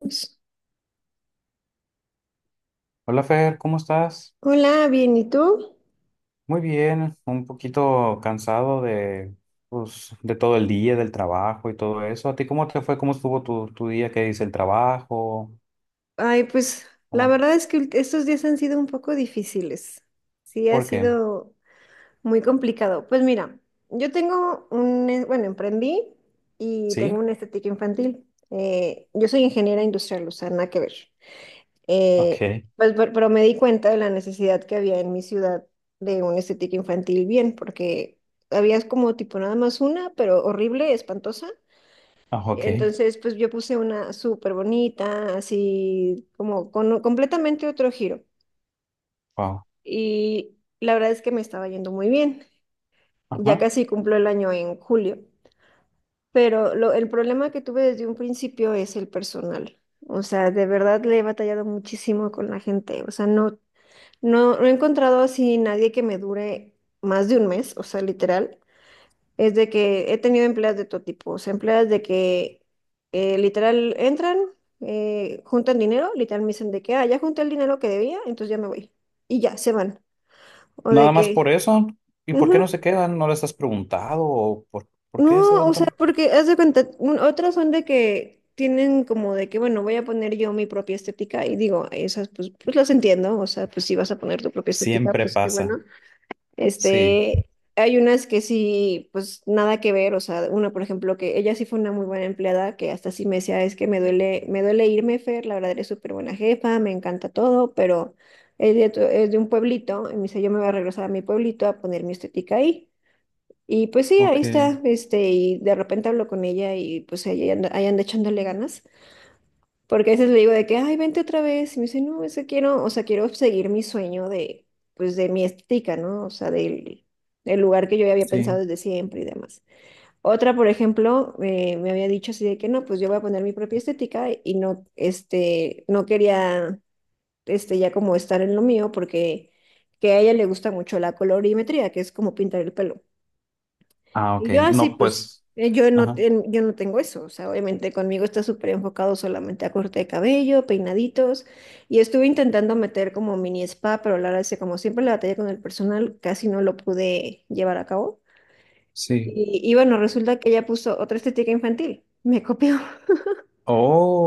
Pues, Hola Fer, ¿cómo estás? hola, bien, ¿y tú? Muy bien, un poquito cansado de, pues, de todo el día, del trabajo y todo eso. ¿A ti cómo te fue? ¿Cómo estuvo tu día? ¿Qué dice el trabajo? Ay, pues la ¿Cómo? verdad es que estos días han sido un poco difíciles. Sí, ha ¿Por qué? sido muy complicado. Pues mira, yo tengo bueno, emprendí y ¿Sí? tengo una estética infantil. Yo soy ingeniera industrial, o sea, nada que ver. Ok. Pues, pero me di cuenta de la necesidad que había en mi ciudad de una estética infantil bien, porque había como tipo nada más una, pero horrible, espantosa. Ah, ok. Entonces, pues yo puse una súper bonita, así como con completamente otro giro. Wow. Y la verdad es que me estaba yendo muy bien. Ya Ajá. casi cumplo el año en julio. Pero el problema que tuve desde un principio es el personal. O sea, de verdad le he batallado muchísimo con la gente. O sea, no, no, no he encontrado así nadie que me dure más de un mes, o sea, literal. Es de que he tenido empleadas de todo tipo, o sea, empleadas de que literal entran, juntan dinero, literal me dicen de que, ah, ya junté el dinero que debía, entonces ya me voy. Y ya, se van. O de Nada más por que, eso. ¿Y por ujú. qué no se quedan? ¿No les has preguntado? ¿O por qué se No, van o sea, tan...? porque haz de cuenta, otras son de que tienen como de que, bueno, voy a poner yo mi propia estética y digo, esas pues las entiendo, o sea, pues si vas a poner tu propia estética, Siempre pues qué pasa. bueno. Sí. Este, hay unas que sí, pues nada que ver, o sea, una, por ejemplo, que ella sí fue una muy buena empleada, que hasta sí me decía, es que me duele irme, Fer, la verdad eres súper buena jefa, me encanta todo, pero es de, es de un pueblito, y me dice, yo me voy a regresar a mi pueblito a poner mi estética ahí. Y pues sí, ahí Ok. está, este, y de repente hablo con ella y pues ahí anda echándole ganas. Porque a veces le digo de que, ay, vente otra vez. Y me dice, no, es que quiero, o sea, quiero seguir mi sueño de, pues, de mi estética, ¿no? O sea, del, del lugar que yo ya había pensado Sí. desde siempre y demás. Otra, por ejemplo, me había dicho así de que, no, pues yo voy a poner mi propia estética y no, este, no quería, este, ya como estar en lo mío porque que a ella le gusta mucho la colorimetría, que es como pintar el pelo. Ah, ok. Y yo así, No, pues, pues. Yo no, Ajá. Yo no tengo eso. O sea, obviamente conmigo está súper enfocado solamente a corte de cabello, peinaditos. Y estuve intentando meter como mini spa, pero la verdad es que como siempre la batalla con el personal, casi no lo pude llevar a cabo. Sí. Y bueno, resulta que ella puso otra estética infantil. Me copió.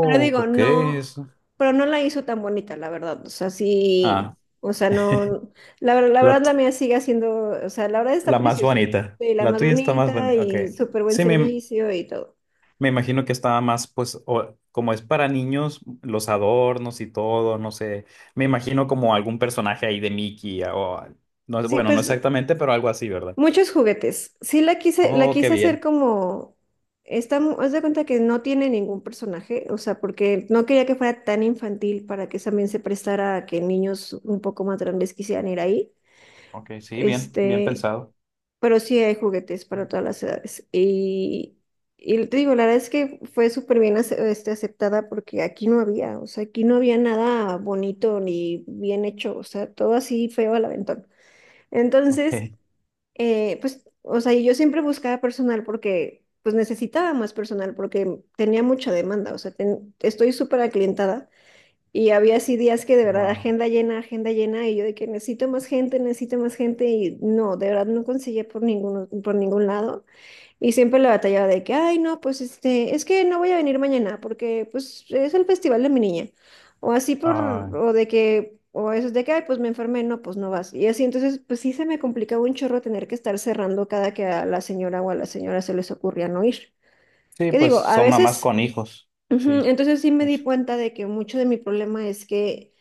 Pero digo, ok. no, Eso. pero no la hizo tan bonita, la verdad. O sea, sí, Ah. o sea, no, la la verdad la mía sigue haciendo, o sea, la verdad está La más preciosa. bonita. Sí, la La más tuya está más bonita bonita. Ok. y súper buen Sí, servicio y todo. me imagino que estaba más, pues, o- como es para niños, los adornos y todo, no sé. Me imagino como algún personaje ahí de Mickey o no es, Sí, bueno, no pues exactamente, pero algo así, ¿verdad? muchos juguetes. Sí, la quise, la Oh, qué quise hacer bien. como, haz de cuenta que no tiene ningún personaje, o sea, porque no quería que fuera tan infantil para que también se prestara a que niños un poco más grandes quisieran ir ahí. Ok, sí, bien, bien Este, pensado. pero sí hay juguetes para todas las edades. Y te digo, la verdad es que fue súper bien aceptada porque aquí no había, o sea, aquí no había nada bonito ni bien hecho, o sea, todo así feo al aventón. Entonces, Ok. Pues, o sea, y yo siempre buscaba personal porque, pues, necesitaba más personal porque tenía mucha demanda, o sea, estoy súper aclientada y había así días que de verdad Wow. Agenda llena, y yo de que necesito más gente, y no, de verdad no conseguía por ningún lado. Y siempre la batallaba de que, ay, no, pues este, es que no voy a venir mañana porque pues es el festival de mi niña. O así por, Ah, o de que, o eso de que, ay, pues me enfermé, no, pues no vas. Y así, entonces, pues sí se me complicaba un chorro tener que estar cerrando cada que a la señora o a la señora se les ocurría no ir. sí, Que pues digo, a son mamás veces, con hijos. ujú, Sí. entonces sí me di Eso. cuenta de que mucho de mi problema es que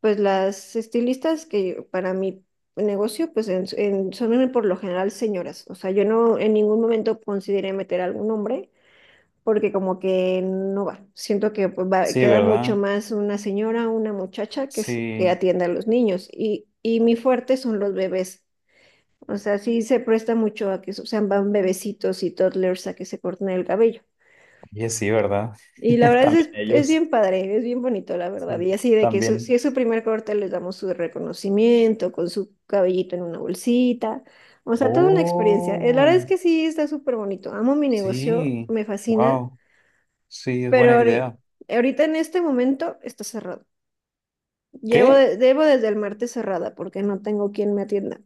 pues las estilistas que para mi negocio, pues son por lo general señoras. O sea, yo no en ningún momento consideré meter algún hombre porque como que no va. Siento que pues, Sí, queda mucho ¿verdad? más una señora, una muchacha que Sí. atienda a los niños. Y mi fuerte son los bebés. O sea, sí se presta mucho a que sean van bebecitos y toddlers a que se corten el cabello. Oye, sí, ¿verdad? Y la verdad También es ellos. bien padre, es bien bonito, la verdad. Sí, Y así de que si también. es su primer corte, les damos su reconocimiento con su cabellito en una bolsita. O sea, toda una experiencia. La verdad Oh, es que sí, está súper bonito. Amo mi negocio, sí, me fascina, wow, sí, es pero buena idea. ahorita en este momento está cerrado. Llevo ¿Qué? Debo desde el martes cerrada porque no tengo quien me atienda.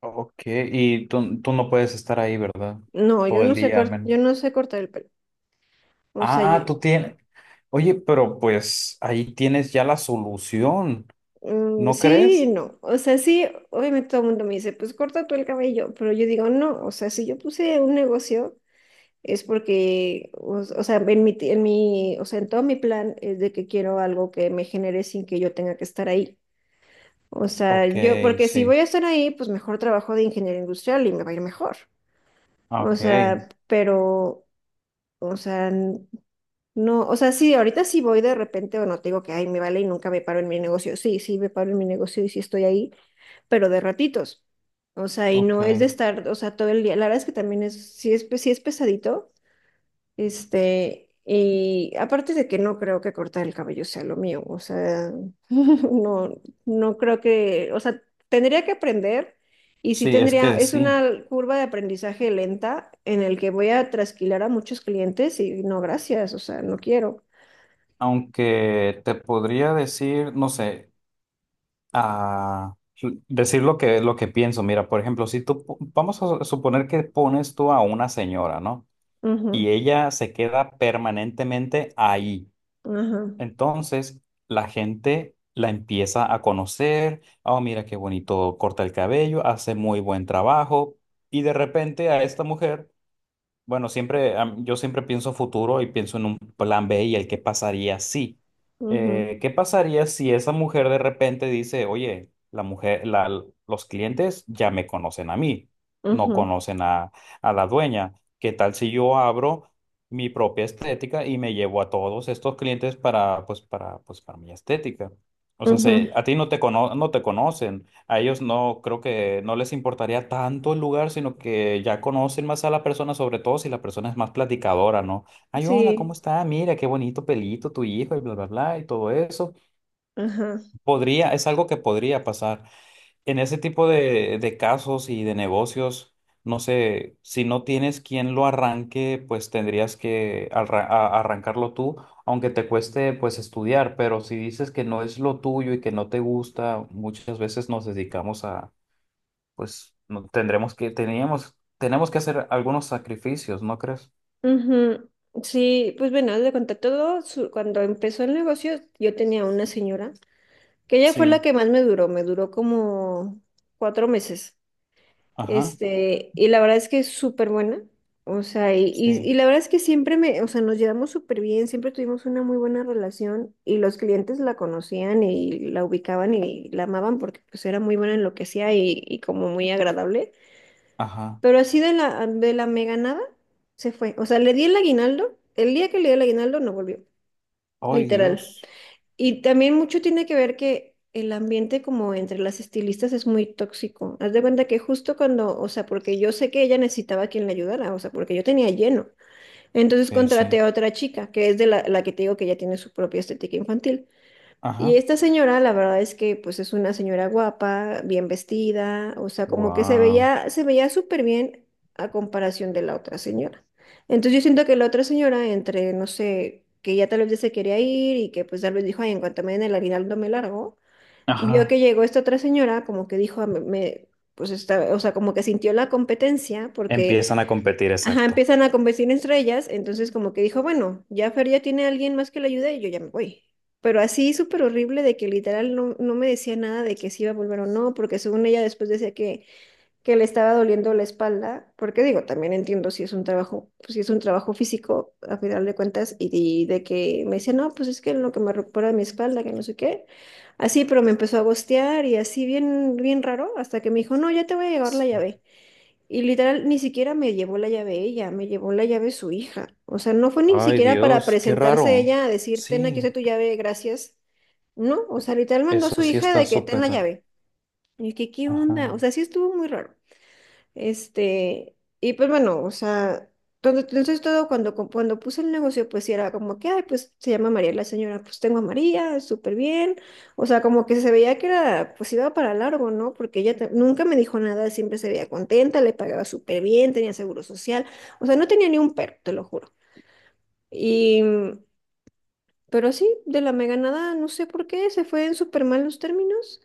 Ok, y tú no puedes estar ahí, ¿verdad? No, yo Todo no el sé, día al menos. yo no sé cortar el pelo. O sea, Ah, tú tienes. Oye, pero pues ahí tienes ya la solución, mm, ¿no sí y crees? no. O sea, sí, obviamente todo el mundo me dice, pues corta tú el cabello, pero yo digo, no, o sea, si yo puse un negocio es porque, o sea, en mi, o sea, en todo mi plan es de que quiero algo que me genere sin que yo tenga que estar ahí. O sea, Ok, yo, porque si voy sí, a estar ahí, pues mejor trabajo de ingeniero industrial y me va a ir mejor. O ok, sea, pero, o sea, no, o sea, sí, ahorita sí voy de repente, o no te digo que, ay, me vale y nunca me paro en mi negocio. Sí, sí, me paro en mi negocio y sí estoy ahí, pero de ratitos. O sea, y ok. no es de estar, o sea, todo el día. La verdad es que también es, sí es, sí es pesadito, este, y aparte de que no creo que cortar el cabello sea lo mío, o sea, no, no creo que, o sea, tendría que aprender y sí Sí, es tendría, que es sí. una curva de aprendizaje lenta en el que voy a trasquilar a muchos clientes y no, gracias, o sea, no quiero. Aunque te podría decir, no sé, a decir lo que pienso. Mira, por ejemplo, si tú, po- vamos a suponer que pones tú a una señora, ¿no? Ujú. Y ella se queda permanentemente ahí. Ajá. Entonces, la gente la empieza a conocer. Oh, mira qué bonito corta el cabello, hace muy buen trabajo. Y de repente a esta mujer bueno, siempre, am- yo siempre pienso futuro y pienso en un plan B y el qué pasaría si. Ujú. ¿Qué pasaría si esa mujer de repente dice, oye, los clientes ya me conocen a mí, no Ujú. conocen a la dueña? ¿Qué tal si yo abro mi propia estética y me llevo a todos estos clientes para mi estética? O sea, Ujú. se- a ti no te cono- no te conocen. A ellos no, creo que no les importaría tanto el lugar, sino que ya conocen más a la persona, sobre todo si la persona es más platicadora, ¿no? Ay, hola, ¿cómo Sí. está? Mira, qué bonito pelito tu hijo y bla, bla, bla, y todo eso. Ajá. Podría, es algo que podría pasar. En ese tipo de casos y de negocios, no sé, si no tienes quien lo arranque, pues tendrías que arra- a- arrancarlo tú, aunque te cueste pues estudiar, pero si dices que no es lo tuyo y que no te gusta, muchas veces nos dedicamos a pues no, tenemos que hacer algunos sacrificios, ¿no crees? Ujú. Sí, pues bueno, haz de cuenta todo, cuando empezó el negocio, yo tenía una señora, que ella fue la Sí, que más me duró como cuatro meses. ajá, Este, y la verdad es que es súper buena. O sea, y, y, sí, y la verdad es que siempre me, o sea, nos llevamos súper bien, siempre tuvimos una muy buena relación y los clientes la conocían y la ubicaban y la amaban porque pues era muy buena en lo que hacía y como muy agradable. ajá. Pero así de la mega nada, se fue. O sea, le di el aguinaldo, el día que le di el aguinaldo no volvió, Ay, literal. Dios. Y también mucho tiene que ver que el ambiente como entre las estilistas es muy tóxico. Haz de cuenta que justo cuando, o sea, porque yo sé que ella necesitaba a quien la ayudara, o sea, porque yo tenía lleno. Entonces contraté Sí, a otra chica, que es de la que te digo que ya tiene su propia estética infantil. Y ajá. esta señora, la verdad es que pues es una señora guapa, bien vestida, o sea, como que Wow. Se veía súper bien a comparación de la otra señora. Entonces yo siento que la otra señora, entre, no sé, que ya tal vez ya se quería ir y que pues tal vez dijo, ay, en cuanto me den el aguinaldo me largo, vio Ajá. que llegó esta otra señora, como que dijo, "Ah, me-", pues esta, o sea, como que sintió la competencia porque Empiezan a competir, ajá, exacto. empiezan a convertir entre ellas, entonces como que dijo, bueno, ya Fer ya tiene a alguien más que le ayude y yo ya me voy. Pero así súper horrible de que literal no me decía nada de que si iba a volver o no, porque según ella después decía que le estaba doliendo la espalda, porque digo, también entiendo si es un trabajo, pues, si es un trabajo físico a final de cuentas, y de que me decía, no, pues es que lo que me recupera mi espalda, que no sé qué. Así, pero me empezó a gostear y así bien, bien raro, hasta que me dijo, no, ya te voy a llevar la Sí. llave. Y literal, ni siquiera me llevó la llave ella, me llevó la llave su hija. O sea, no fue ni Ay, siquiera para Dios, qué presentarse raro. ella a decir, ten, aquí Sí, está tu llave, gracias. No, o e- sea, literal mandó a eso su sí hija está de que ten súper la raro. llave. Y que, ¿qué onda? Ajá. O sea, sí estuvo muy raro. Este, y pues bueno, o sea, entonces todo cuando, cuando puse el negocio, pues sí era como que, ay, pues se llama María la señora, pues tengo a María, súper bien. O sea, como que se veía que era, pues iba para largo, ¿no? Porque ella nunca me dijo nada, siempre se veía contenta, le pagaba súper bien, tenía seguro social. O sea, no tenía ni un perro, te lo juro. Y, pero sí, de la mega nada, no sé por qué, se fue en súper malos términos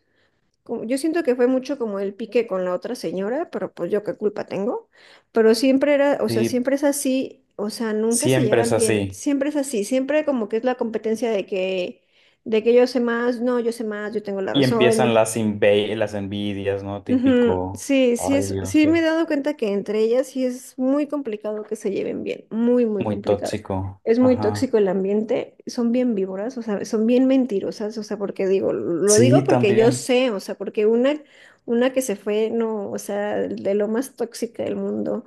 yo siento que fue mucho como el pique con la otra señora, pero pues yo qué culpa tengo. Pero siempre era, o sea, Sí, siempre es así, o sea, nunca se siempre es llevan bien, así. siempre es así, siempre como que es la competencia de que yo sé más, no, yo sé más, yo tengo la Y empiezan razón. las inve- las envidias, ¿no? Ujú. Típico. Sí, sí Ay, es, Dios, sí me he qué. dado cuenta que entre ellas sí es muy complicado que se lleven bien, muy, muy Muy complicado. tóxico. Es muy Ajá. tóxico el ambiente, son bien víboras, o sea, son bien mentirosas, o sea, porque digo, lo digo Sí, porque yo también. sé, o sea, porque una que se fue, no, o sea, de lo más tóxica del mundo,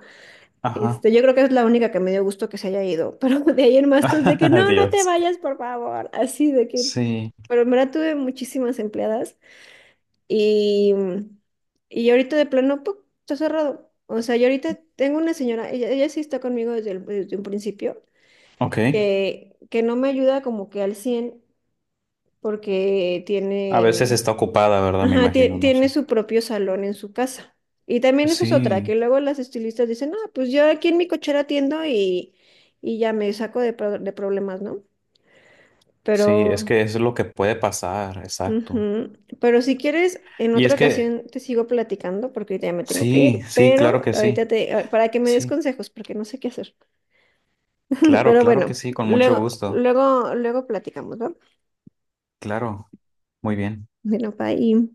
Ajá. este, yo creo que es la única que me dio gusto que se haya ido, pero de ahí en más todos de que no, no te Dios. vayas, por favor, así de que, Sí. pero en verdad tuve muchísimas empleadas. Y, y ahorita de plano, ¡pum! Está cerrado. O sea, yo ahorita tengo una señora, ella sí está conmigo desde, desde un principio, Ok. que no me ayuda como que al 100 porque A veces tiene, está ocupada, ¿verdad? Me ajá, imagino, no tiene sé. su propio salón en su casa. Y también eso es otra, que Sí, luego las estilistas dicen, ah, pues yo aquí en mi cochera atiendo y ya me saco de, de problemas, ¿no? sí, Pero... es que es lo que puede pasar, exacto. Ujú. Pero si quieres, en Y otra es que, ocasión te sigo platicando porque ahorita ya me tengo que sí, ir, sí, claro pero que ahorita sí. te, para que me des Sí, consejos porque no sé qué hacer. claro, Pero claro que bueno, sí, con mucho luego, gusto. luego, luego platicamos, ¿va? Claro, muy bien. Bueno, bye.